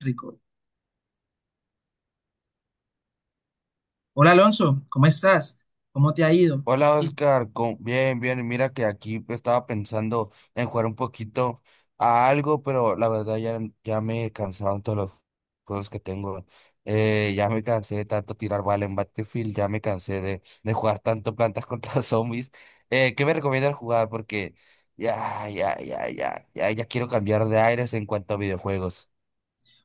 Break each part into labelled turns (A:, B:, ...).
A: Rico. Hola Alonso, ¿cómo estás? ¿Cómo te ha ido?
B: Hola
A: Y,
B: Oscar, bien, bien, mira que aquí estaba pensando en jugar un poquito a algo, pero la verdad ya me cansaron todos los juegos que tengo. Ya me cansé de tanto tirar bala en Battlefield, ya me cansé de jugar tanto plantas contra zombies. ¿Qué me recomiendas jugar? Porque ya quiero cambiar de aires en cuanto a videojuegos.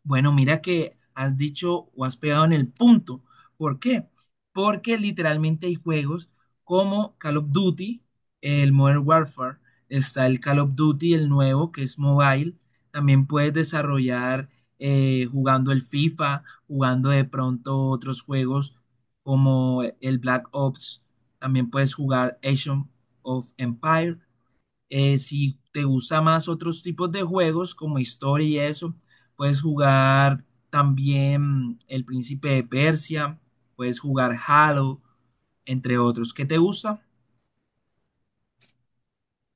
A: Bueno, mira que has dicho o has pegado en el punto. ¿Por qué? Porque literalmente hay juegos como Call of Duty, el Modern Warfare, está el Call of Duty, el nuevo, que es mobile. También puedes desarrollar jugando el FIFA, jugando de pronto otros juegos como el Black Ops. También puedes jugar Age of Empire. Si te gusta más otros tipos de juegos como historia y eso, puedes jugar también El Príncipe de Persia, puedes jugar Halo, entre otros. ¿Qué te gusta?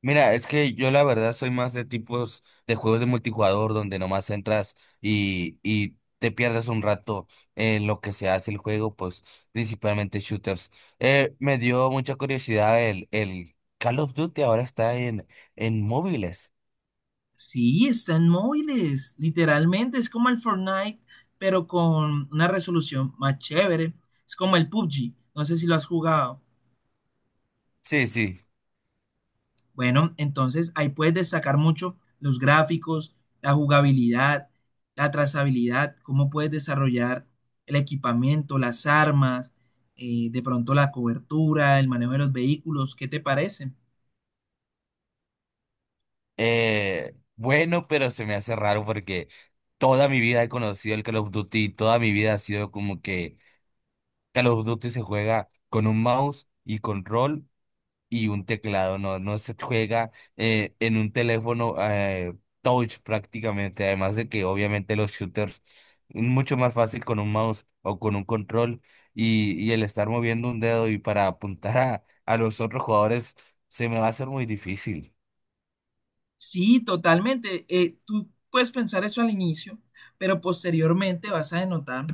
B: Mira, es que yo la verdad soy más de tipos de juegos de multijugador donde nomás entras y te pierdes un rato en lo que se hace el juego, pues principalmente shooters. Me dio mucha curiosidad el Call of Duty ahora está en móviles.
A: Sí, está en móviles, literalmente es como el Fortnite, pero con una resolución más chévere. Es como el PUBG, no sé si lo has jugado.
B: Sí, sí.
A: Bueno, entonces ahí puedes destacar mucho los gráficos, la jugabilidad, la trazabilidad, cómo puedes desarrollar el equipamiento, las armas, de pronto la cobertura, el manejo de los vehículos. ¿Qué te parece?
B: Bueno, pero se me hace raro porque toda mi vida he conocido el Call of Duty y toda mi vida ha sido como que Call of Duty se juega con un mouse y control y un teclado, no se juega en un teléfono, touch prácticamente, además de que obviamente los shooters mucho más fácil con un mouse o con un control y el estar moviendo un dedo y para apuntar a los otros jugadores se me va a hacer muy difícil.
A: Sí, totalmente. Tú puedes pensar eso al inicio, pero posteriormente vas a denotar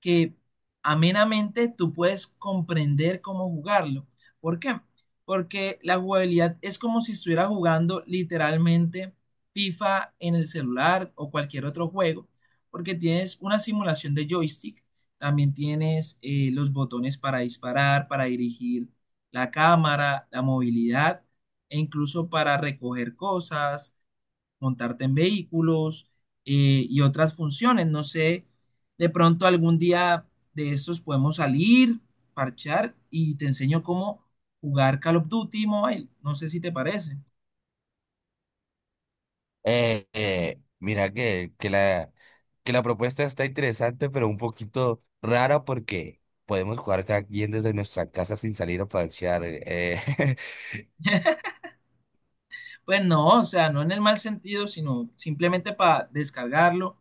A: que amenamente tú puedes comprender cómo jugarlo. ¿Por qué? Porque la jugabilidad es como si estuvieras jugando literalmente FIFA en el celular o cualquier otro juego, porque tienes una simulación de joystick, también tienes los botones para disparar, para dirigir la cámara, la movilidad e incluso para recoger cosas, montarte en vehículos y otras funciones. No sé, de pronto algún día de estos podemos salir, parchar y te enseño cómo jugar Call of Duty Mobile. No sé si te parece.
B: Mira que la propuesta está interesante, pero un poquito rara porque podemos jugar cada quien desde nuestra casa sin salir a parchear.
A: Pues no, o sea, no en el mal sentido, sino simplemente para descargarlo,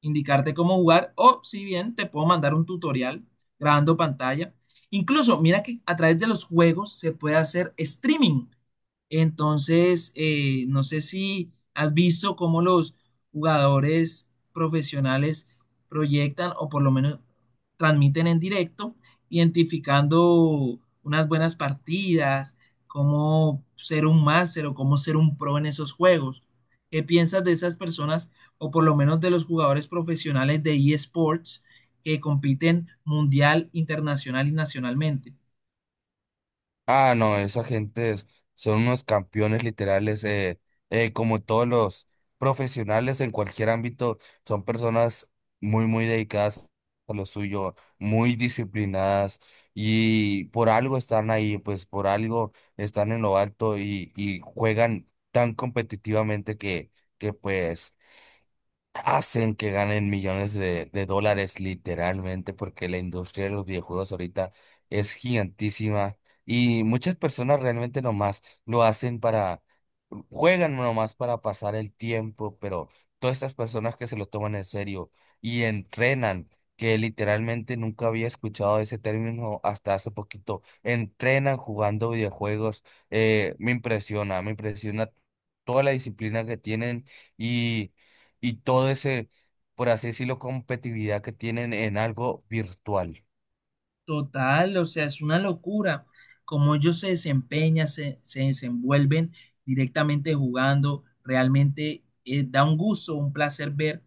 A: indicarte cómo jugar, o si bien te puedo mandar un tutorial grabando pantalla. Incluso, mira que a través de los juegos se puede hacer streaming. Entonces, no sé si has visto cómo los jugadores profesionales proyectan o por lo menos transmiten en directo, identificando unas buenas partidas, cómo ser un máster o cómo ser un pro en esos juegos. ¿Qué piensas de esas personas o por lo menos de los jugadores profesionales de eSports que compiten mundial, internacional y nacionalmente?
B: Ah, no, esa gente son unos campeones literales, como todos los profesionales en cualquier ámbito, son personas muy, muy dedicadas a lo suyo, muy disciplinadas y por algo están ahí, pues por algo están en lo alto y juegan tan competitivamente que pues hacen que ganen millones de dólares literalmente porque la industria de los videojuegos ahorita es gigantísima y muchas personas realmente nomás lo hacen para, juegan nomás para pasar el tiempo, pero todas estas personas que se lo toman en serio y entrenan, que literalmente nunca había escuchado ese término hasta hace poquito, entrenan jugando videojuegos. Me impresiona, me impresiona toda la disciplina que tienen. Y y todo ese, por así decirlo, competitividad que tienen en algo virtual.
A: Total, o sea, es una locura cómo ellos se desempeñan, se desenvuelven directamente jugando, realmente da un gusto, un placer ver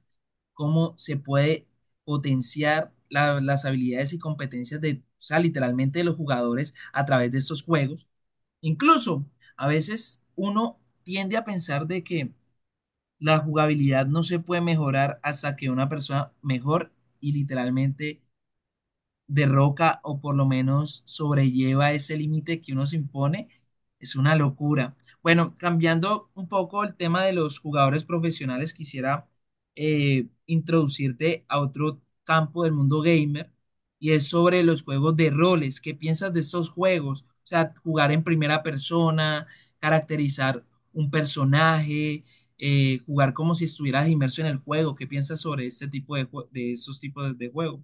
A: cómo se puede potenciar las habilidades y competencias de, o sea, literalmente de los jugadores a través de estos juegos. Incluso a veces uno tiende a pensar de que la jugabilidad no se puede mejorar hasta que una persona mejor y literalmente derroca o por lo menos sobrelleva ese límite que uno se impone. Es una locura. Bueno, cambiando un poco el tema de los jugadores profesionales, quisiera introducirte a otro campo del mundo gamer y es sobre los juegos de roles. ¿Qué piensas de esos juegos? O sea, jugar en primera persona, caracterizar un personaje, jugar como si estuvieras inmerso en el juego. ¿Qué piensas sobre este tipo de esos tipos de juegos?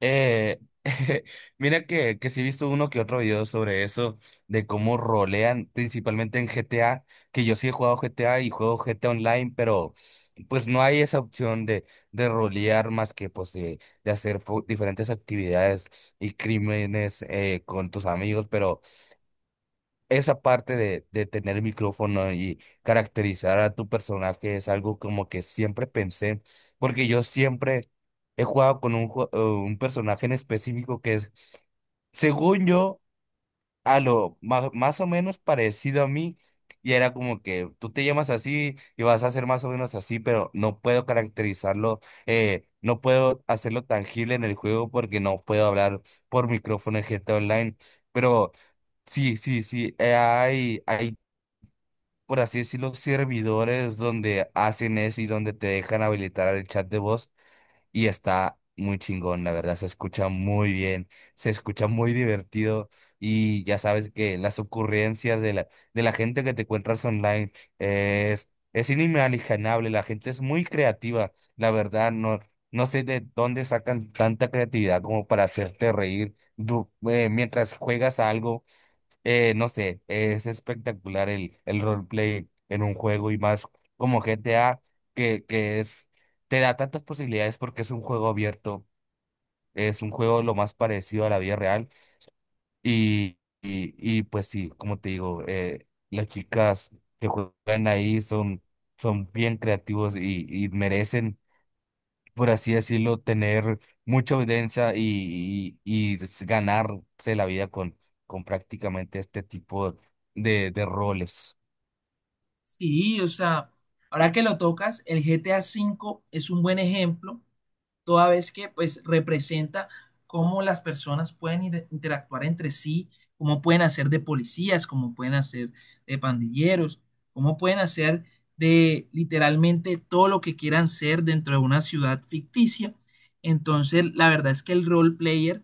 B: Eh, Mira que sí he visto uno que otro video sobre eso, de cómo rolean, principalmente en GTA, que yo sí he jugado GTA y juego GTA Online, pero pues no hay esa opción de rolear más que pues de hacer diferentes actividades y crímenes con tus amigos, pero esa parte de tener el micrófono y caracterizar a tu personaje es algo como que siempre pensé, porque yo siempre he jugado con un personaje en específico que es, según yo, a lo más, más o menos parecido a mí, y era como que tú te llamas así y vas a ser más o menos así, pero no puedo caracterizarlo. No puedo hacerlo tangible en el juego porque no puedo hablar por micrófono en GTA Online, pero... Sí, sí, sí. Hay, por así decirlo, servidores donde hacen eso y donde te dejan habilitar el chat de voz y está muy chingón, la verdad, se escucha muy bien, se escucha muy divertido y ya sabes que las ocurrencias de de la gente que te encuentras online es inimaginable. La gente es muy creativa, la verdad. No, no sé de dónde sacan tanta creatividad como para hacerte reír mientras juegas a algo. No sé, es espectacular el roleplay en un juego y más como GTA, que es, te da tantas posibilidades porque es un juego abierto, es un juego lo más parecido a la vida real y pues sí, como te digo, las chicas que juegan ahí son, son bien creativos y merecen, por así decirlo, tener mucha audiencia ganarse la vida con prácticamente este tipo de roles.
A: Sí, o sea, ahora que lo tocas, el GTA V es un buen ejemplo toda vez que pues representa cómo las personas pueden interactuar entre sí, cómo pueden hacer de policías, cómo pueden hacer de pandilleros, cómo pueden hacer de literalmente todo lo que quieran ser dentro de una ciudad ficticia. Entonces, la verdad es que el role player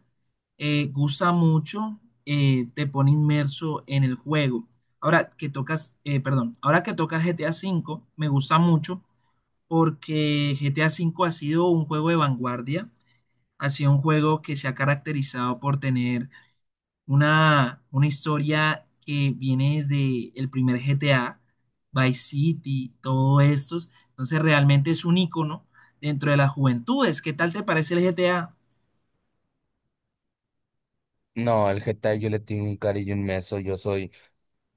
A: gusta mucho, te pone inmerso en el juego. Ahora que tocas, perdón, ahora que tocas GTA V, me gusta mucho porque GTA V ha sido un juego de vanguardia, ha sido un juego que se ha caracterizado por tener una historia que viene desde el primer GTA, Vice City, todos estos. Entonces realmente es un icono dentro de las juventudes. ¿Qué tal te parece el GTA?
B: No, al Getafe yo le tengo un cariño inmenso, yo soy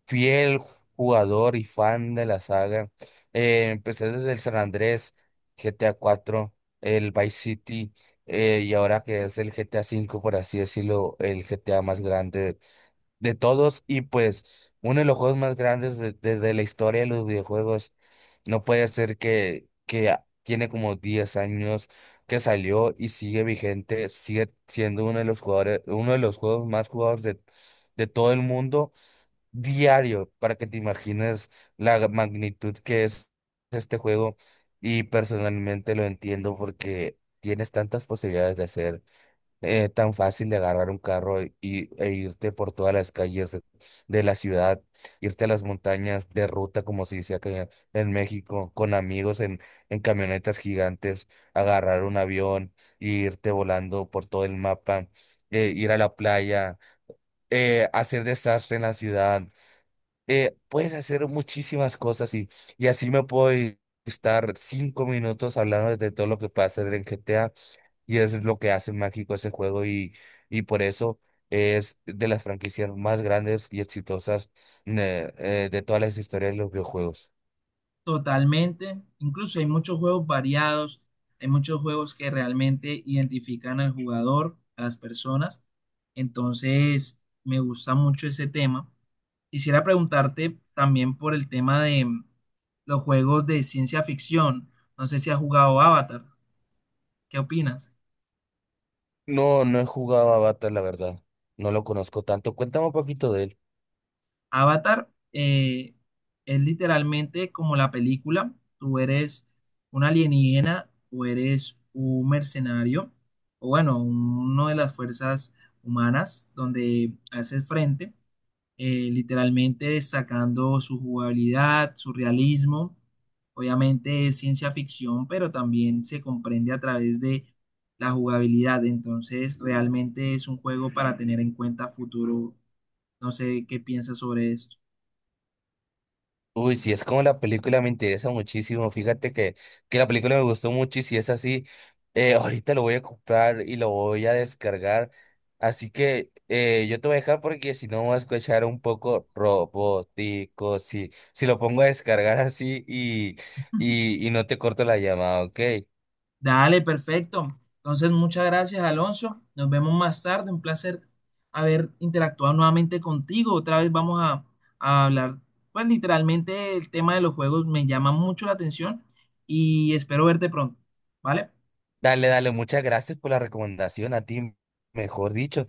B: fiel jugador y fan de la saga. Empecé desde el San Andrés, GTA cuatro, el Vice City, y ahora que es el GTA cinco, por así decirlo, el GTA más grande de todos y pues uno de los juegos más grandes de la historia de los videojuegos. No puede ser que, tiene como 10 años que salió y sigue vigente, sigue siendo uno de los jugadores, uno de los juegos más jugados de todo el mundo diario, para que te imagines la magnitud que es este juego. Y personalmente lo entiendo porque tienes tantas posibilidades de hacer. Tan fácil de agarrar un carro e irte por todas las calles de la ciudad, irte a las montañas de ruta, como se dice acá en México, con amigos en camionetas gigantes, agarrar un avión e irte volando por todo el mapa, ir a la playa, hacer desastre en la ciudad. Puedes hacer muchísimas cosas y así estar 5 minutos hablando de todo lo que pasa en GTA y eso es lo que hace mágico ese juego y por eso es de las franquicias más grandes y exitosas. De todas las historias de los videojuegos.
A: Totalmente. Incluso hay muchos juegos variados, hay muchos juegos que realmente identifican al jugador, a las personas. Entonces, me gusta mucho ese tema. Quisiera preguntarte también por el tema de los juegos de ciencia ficción. No sé si has jugado Avatar. ¿Qué opinas?
B: No, no he jugado a Avatar, la verdad. No lo conozco tanto. Cuéntame un poquito de él.
A: Avatar es literalmente como la película. Tú eres un alienígena o eres un mercenario, o bueno, uno de las fuerzas humanas donde haces frente, literalmente sacando su jugabilidad, su realismo. Obviamente es ciencia ficción, pero también se comprende a través de la jugabilidad. Entonces, realmente es un juego para tener en cuenta a futuro. No sé qué piensas sobre esto.
B: Uy, si es como la película me interesa muchísimo. Fíjate que la película me gustó mucho y si es así, ahorita lo voy a comprar y lo voy a descargar. Así que yo te voy a dejar porque si no voy a escuchar un poco robótico. Si, si lo pongo a descargar así y no te corto la llamada, ¿ok?
A: Dale, perfecto. Entonces, muchas gracias, Alonso. Nos vemos más tarde. Un placer haber interactuado nuevamente contigo. Otra vez vamos a hablar, pues literalmente el tema de los juegos me llama mucho la atención y espero verte pronto. ¿Vale?
B: Dale, dale, muchas gracias por la recomendación a ti, mejor dicho.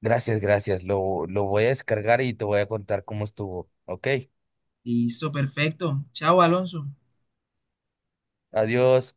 B: Gracias, gracias. Lo voy a descargar y te voy a contar cómo estuvo, ¿ok?
A: Listo, perfecto. Chao, Alonso.
B: Adiós.